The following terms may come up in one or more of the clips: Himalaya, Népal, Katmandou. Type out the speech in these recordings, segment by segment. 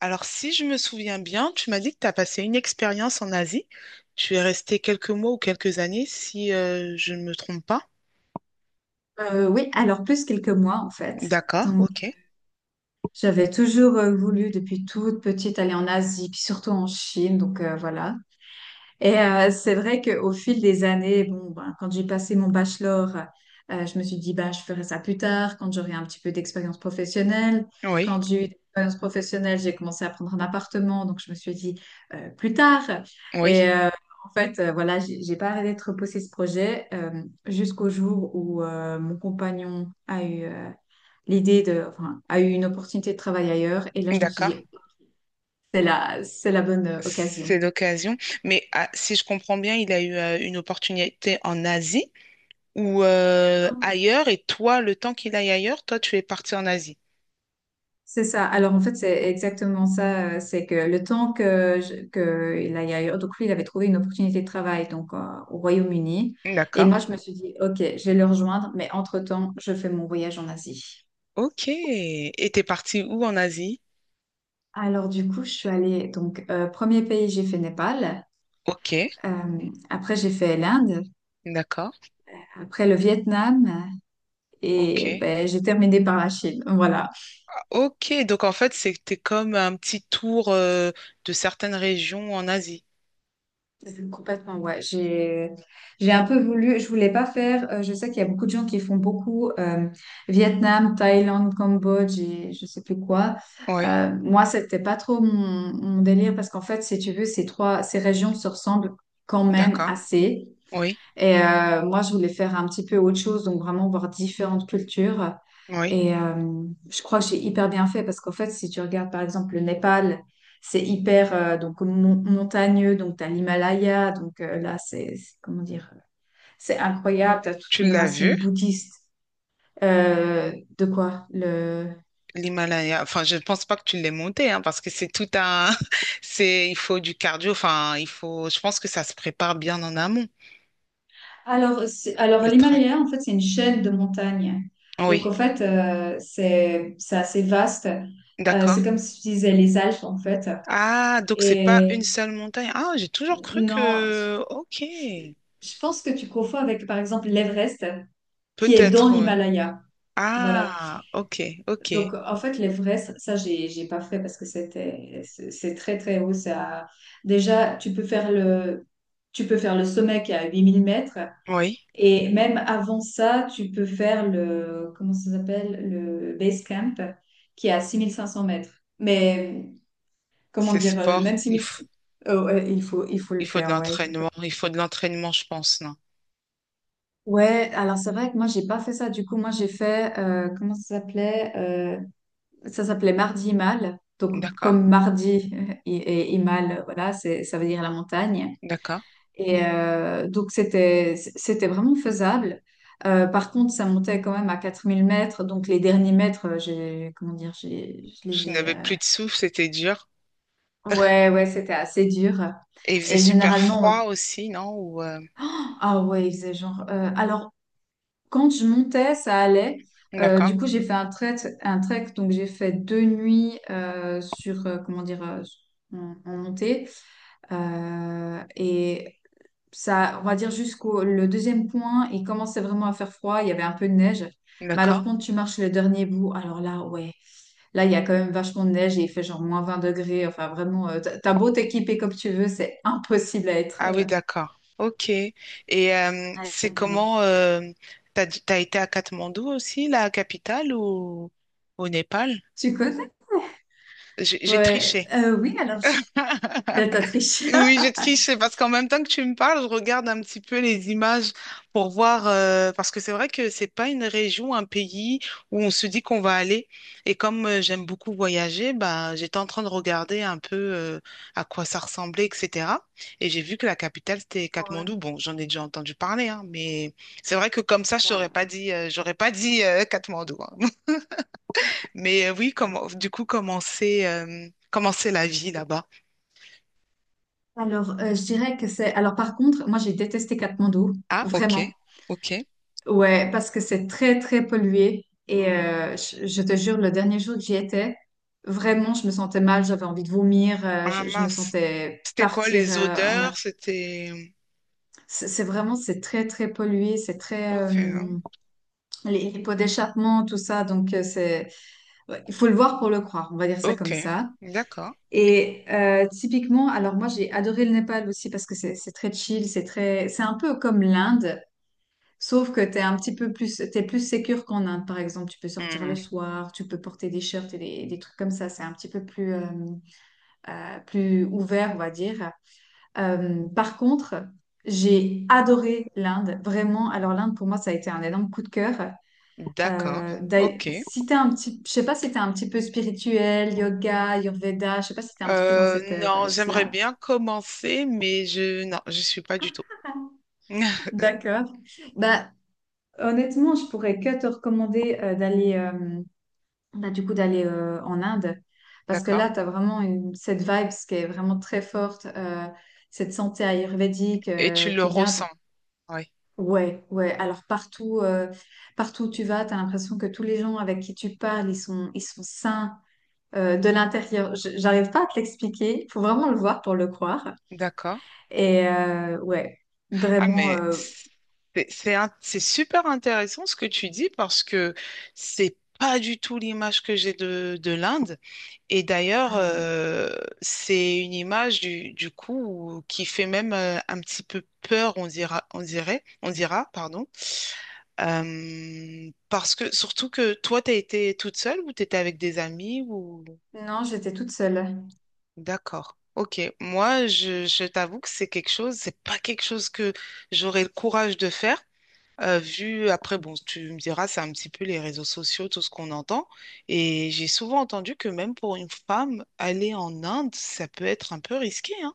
Alors, si je me souviens bien, tu m'as dit que tu as passé une expérience en Asie. Tu es resté quelques mois ou quelques années, si je ne me trompe pas. Oui, alors plus quelques mois en fait. D'accord, Donc ok. j'avais toujours voulu depuis toute petite aller en Asie, puis surtout en Chine. Voilà. Et c'est vrai qu'au fil des années, bon, ben, quand j'ai passé mon bachelor, je me suis dit, bah, je ferai ça plus tard, quand j'aurai un petit peu d'expérience professionnelle. Oui, Quand j'ai eu de l'expérience professionnelle, j'ai commencé à prendre un appartement, donc je me suis dit, plus tard. Et oui, voilà, j'ai pas arrêté de repousser ce projet jusqu'au jour où mon compagnon a eu l'idée de, enfin, a eu une opportunité de travail ailleurs. Et là, je me suis d'accord. dit, c'est la bonne occasion. C'est l'occasion. Mais ah, si je comprends bien, il a eu une opportunité en Asie ou ailleurs, et toi, le temps qu'il aille ailleurs, toi, tu es parti en Asie. C'est ça. Alors en fait, c'est exactement ça. C'est que le temps que, que il aille ailleurs, donc lui, il avait trouvé une opportunité de travail au Royaume-Uni. Et D'accord. moi, je me suis dit, OK, je vais le rejoindre, mais entre-temps, je fais mon voyage en Asie. Ok. Et t'es parti où en Asie? Alors du coup, je suis allée, premier pays, j'ai fait Népal. Ok, Euh, après, j'ai fait l'Inde. d'accord. Après, le Vietnam. Et Ok. ben, j'ai terminé par la Chine. Voilà. Ok, donc en fait, c'était comme un petit tour de certaines régions en Asie. Mhm, complètement, ouais. J'ai un peu voulu, je voulais pas faire, je sais qu'il y a beaucoup de gens qui font beaucoup Vietnam, Thaïlande, Cambodge et je sais plus quoi. Oui, Moi, c'était pas trop mon délire parce qu'en fait, si tu veux, ces régions se ressemblent quand même d'accord. assez. Oui, Et moi, je voulais faire un petit peu autre chose, donc vraiment voir différentes cultures. oui. Et je crois que j'ai hyper bien fait parce qu'en fait, si tu regardes par exemple le Népal, c'est hyper montagneux, donc tu as l'Himalaya, là, comment dire, c'est incroyable, tu as toute Tu une l'as racine vu, bouddhiste. Euh, de quoi le... l'Himalaya. Enfin, je ne pense pas que tu l'aies monté, hein, parce que c'est tout un... C'est, il faut du cardio. Enfin, il faut... Je pense que ça se prépare bien en amont, Alors, le track. l'Himalaya, en fait, c'est une chaîne de montagnes. Donc, Oui, en fait, c'est assez vaste. D'accord. C'est comme si tu disais les Alpes, en fait. Ah, donc c'est pas une Et seule montagne. Ah, j'ai toujours cru non, que... Ok. je pense que tu confonds avec, par exemple, l'Everest, qui est dans Peut-être, oui. l'Himalaya. Voilà. Ah, ok, ok. Donc, en fait, l'Everest, ça, j'ai pas fait parce que c'est très, très haut. Ça... Déjà, tu peux faire le sommet qui est à 8000 mètres. Oui, Et même avant ça, tu peux faire le, comment ça s'appelle, le base camp qui est à 6500 mètres. Mais, comment c'est dire, même sport. 6000, oh, ouais, il faut le Il faut de faire, ouais. l'entraînement, il faut de l'entraînement, je pense, non? Ouais, alors c'est vrai que moi j'ai pas fait ça. Du coup, moi j'ai fait comment ça s'appelait. Ça s'appelait Mardi Mal. Donc D'accord, comme mardi et mal, voilà, c'est ça veut dire la montagne. d'accord. Et donc c'était vraiment faisable. Par contre, ça montait quand même à 4000 mètres. Donc les derniers mètres, j'ai comment dire, j'ai je les Je ai. n'avais plus de souffle, c'était dur. Ouais, ouais, c'était assez dur. Et il faisait Et super généralement, froid aussi, non? Ou ah ouais, il faisait genre. Quand je montais, ça allait. D'accord, Du coup, j'ai fait un trek, Un trek, donc j'ai fait 2 nuits sur, comment dire, en, en montée. Et ça, on va dire jusqu'au le deuxième point, il commençait vraiment à faire froid, il y avait un peu de neige. Mais d'accord. alors, quand tu marches le dernier bout, alors là, ouais, là, il y a quand même vachement de neige et il fait genre -20 degrés. Enfin, vraiment, t'as beau t'équiper comme tu veux, c'est impossible Ah oui, d'accord. Ok. Et à c'est être bien équipé. comment t'as, t'as été à Katmandou aussi, la capitale, ou au Népal? Tu connais? J'ai Ouais, triché. Là, t'as triché. Oui, je triche, c'est parce qu'en même temps que tu me parles, je regarde un petit peu les images pour voir, parce que c'est vrai que c'est pas une région, un pays où on se dit qu'on va aller. Et comme j'aime beaucoup voyager, bah, j'étais en train de regarder un peu à quoi ça ressemblait, etc. Et j'ai vu que la capitale, c'était Ouais, Katmandou. Bon, j'en ai déjà entendu parler, hein, mais c'est vrai que comme ça, je ouais. t'aurais pas dit, j'aurais pas dit Katmandou, hein. Mais oui, comment, du coup, comment c'est la vie là-bas? Alors, je dirais que c'est... Alors, par contre, moi, j'ai détesté Katmandou, Ah, ok, vraiment. ok. Ouais, parce que c'est très, très pollué. Et je te jure, le dernier jour que j'y étais, vraiment, je me sentais mal, j'avais envie de vomir, Ah je me mince. sentais C'était quoi partir les en... Af- odeurs? C'était... C'est vraiment, c'est très, très pollué, c'est très... Ok, hein. Les pots d'échappement, tout ça, c'est... ouais, il faut le voir pour le croire, on va dire ça Ok, comme ça. d'accord. Et typiquement, alors moi j'ai adoré le Népal aussi parce que c'est très chill, c'est un peu comme l'Inde, sauf que t'es un petit peu plus, t'es plus sécure qu'en Inde par exemple. Tu peux sortir Hmm, le soir, tu peux porter des shirts des trucs comme ça. C'est un petit peu plus plus ouvert, on va dire. Par contre, j'ai adoré l'Inde, vraiment. Alors l'Inde pour moi ça a été un énorme coup de cœur. d'accord, ok. Si t'es un petit, je sais pas si t'es un petit peu spirituel, yoga, Ayurveda, je sais pas si t'es un petit peu dans cette Non, vibe. j'aimerais bien commencer, mais je... Non, je suis pas du tout. D'accord. Bah, honnêtement, je pourrais que te recommander d'aller bah, du coup d'aller en Inde parce que D'accord. là, tu as vraiment une, cette vibe qui est vraiment très forte, cette santé ayurvédique Et tu le qui vient. ressens. Donc, Oui, ouais, ouais. Alors partout, partout où tu vas, tu as l'impression que tous les gens avec qui tu parles, ils sont sains. De l'intérieur. Je- J'arrive pas à te l'expliquer. Faut vraiment le voir pour le croire. d'accord. Et ouais, Ah, vraiment. mais c'est super intéressant ce que tu dis parce que c'est pas du tout l'image que j'ai de l'Inde. Et d'ailleurs, ah c'est une image du coup qui fait même un petit peu peur, on dira, on dirait, on dira, pardon. Parce que surtout que toi, t'as été toute seule ou t'étais avec des amis ou... non, j'étais toute seule. D'accord. Ok. Moi, je t'avoue que c'est quelque chose, c'est pas quelque chose que j'aurais le courage de faire. Vu, après, bon, tu me diras, c'est un petit peu les réseaux sociaux, tout ce qu'on entend. Et j'ai souvent entendu que même pour une femme, aller en Inde, ça peut être un peu risqué, hein?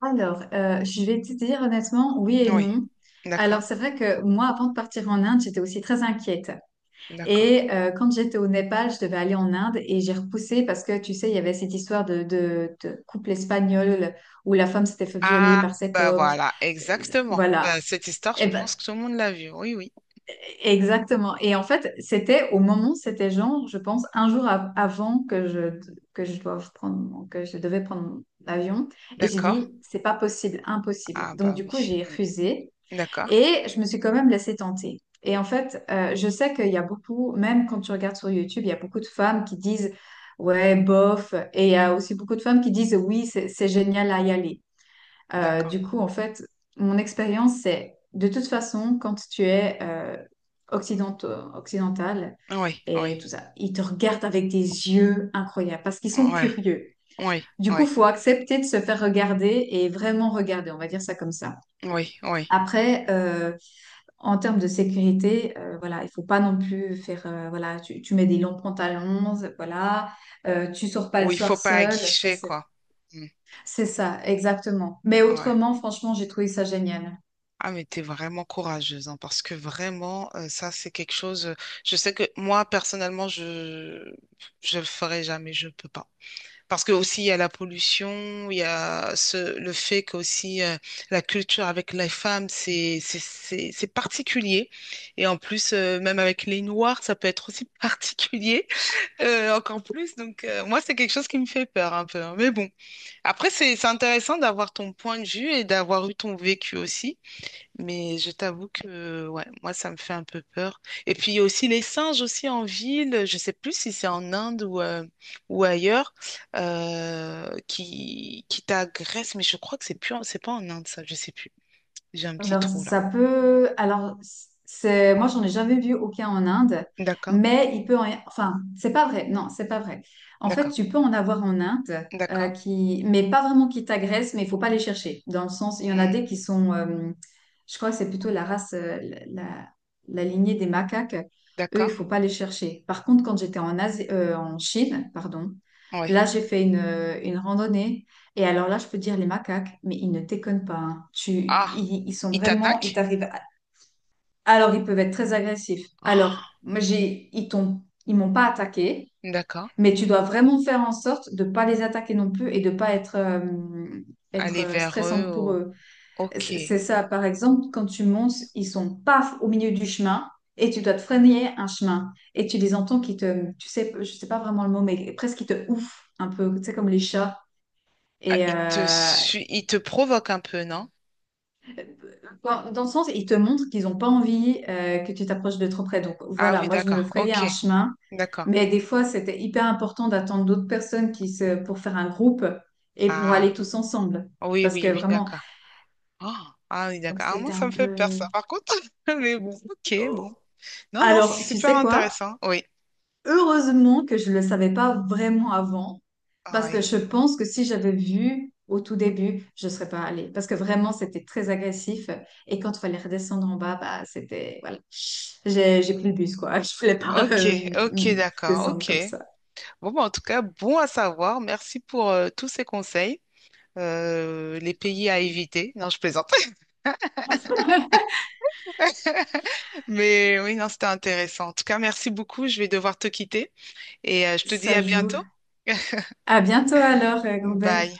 Alors, je vais te dire honnêtement, oui et Oui, non. d'accord, Alors, c'est vrai que moi, avant de partir en Inde, j'étais aussi très inquiète. d'accord. Et quand j'étais au Népal, je devais aller en Inde et j'ai repoussé parce que, tu sais, il y avait cette histoire de couple espagnol où la femme s'était fait violer Ah, par cet bah homme. voilà, exactement. Bah, Voilà. cette histoire, je Et pense ben, que tout le monde l'a vue. Oui, oui, exactement. Et en fait, c'était au moment, c'était genre, je pense, avant que que je doive prendre, que je devais prendre mon avion. Et j'ai d'accord. dit, c'est pas possible, impossible. Ah, Donc, bah du coup, oui, j'ai Mm. refusé D'accord, et je me suis quand même laissée tenter. Et en fait, je sais qu'il y a beaucoup, même quand tu regardes sur YouTube, il y a beaucoup de femmes qui disent, ouais, bof. Et il y a aussi beaucoup de femmes qui disent, oui, c'est génial à y aller. D'accord. En fait, mon expérience, c'est de toute façon, quand tu es occidentaux- occidental Oui, oui, et tout ça, ils te regardent avec des yeux incroyables parce qu'ils sont ouais, curieux. oui, Du coup, oui, faut accepter de se faire regarder et vraiment regarder, on va dire ça comme ça. oui, oui. Après, en termes de sécurité, voilà, il faut pas non plus faire, voilà, tu mets des longs pantalons, voilà, tu sors pas le Oui, il soir faut pas seul, ça aguicher, quoi. Mm. c'est ça, exactement. Mais Ouais. autrement, franchement, j'ai trouvé ça génial. Ah, mais t'es vraiment courageuse, hein, parce que vraiment, ça, c'est quelque chose. Je sais que moi, personnellement, je le ferai jamais, je peux pas. Parce que aussi, il y a la pollution, il y a ce, le fait qu'aussi la culture avec les femmes, c'est particulier. Et en plus, même avec les Noirs, ça peut être aussi particulier, encore plus. Donc, moi, c'est quelque chose qui me fait peur un peu, hein. Mais bon, après, c'est intéressant d'avoir ton point de vue et d'avoir eu ton vécu aussi. Mais je t'avoue que ouais, moi, ça me fait un peu peur. Et puis, il y a aussi les singes aussi en ville, je sais plus si c'est en Inde ou ailleurs, qui t'agressent. Mais je crois que c'est plus, c'est pas en Inde, ça, je sais plus. J'ai un petit Alors, trou là. ça peut. Alors, c'est moi, j'en ai jamais vu aucun en Inde, D'accord, mais il peut en. Enfin, c'est pas vrai. Non, c'est pas vrai. En fait, d'accord, tu peux en avoir en Inde, d'accord, qui... mais pas vraiment qui t'agressent, mais il faut pas les chercher. Dans le sens, il y en a Hmm, des qui sont. Je crois que c'est plutôt la race, la lignée des macaques. Eux, il d'accord, faut pas les chercher. Par contre, quand j'étais en Asie, en Chine, pardon, là, oui. Une randonnée. Et alors là, je peux te dire les macaques, mais ils ne déconnent pas. Hein. Tu, Ah, ils sont ils vraiment, ils t'attaquent? t'arrivent. À- Alors, ils peuvent être très agressifs. Alors, Ah, ils t'ont, ils m'ont pas attaqué, d'accord. mais tu dois vraiment faire en sorte de pas les attaquer non plus et de pas être, Aller vers eux, stressante pour oh, eux. ok. C'est ça, par exemple, quand tu montes, ils sont paf au milieu du chemin et tu dois te freiner un chemin et tu les entends qui te, tu sais, je sais pas vraiment le mot, mais presque qui te ouf un peu, tu sais, comme les chats. Ah, Et, ils te, ils te provoquent un peu, non? dans le sens, ils te montrent qu'ils n'ont pas envie que tu t'approches de trop près. Donc Ah voilà, oui, moi je me d'accord, frayais ok, un chemin, d'accord. mais des fois c'était hyper important d'attendre d'autres personnes qui se... pour faire un groupe et pour Ah. aller tous ensemble. Oui, Parce oui, que oui, vraiment, d'accord. Oh, ah oui, donc d'accord. Ah, moi, c'était ça un me fait peur, peu... ça, par contre. Mais bon, ok, Oh. bon. Non, non, Alors, c'est tu super sais quoi? intéressant. Oui, Heureusement que je ne le savais pas vraiment avant, ah parce que oui. je pense que si j'avais vu au tout début, je ne serais pas allée, parce que vraiment, c'était très agressif. Et quand il fallait redescendre en bas, bah, c'était... Voilà. J'ai pris le bus, quoi. Je ne voulais pas Ok, ok, d'accord, descendre ok. comme ça. Bon, bah, en tout cas, bon à savoir. Merci pour tous ces conseils. Les Je t'en pays à prie. éviter. Non, je plaisante. Mais oui, non, c'était intéressant. En tout cas, merci beaucoup. Je vais devoir te quitter et je te dis Ça à joue. bientôt. À bientôt alors, Gros Bec. Bye.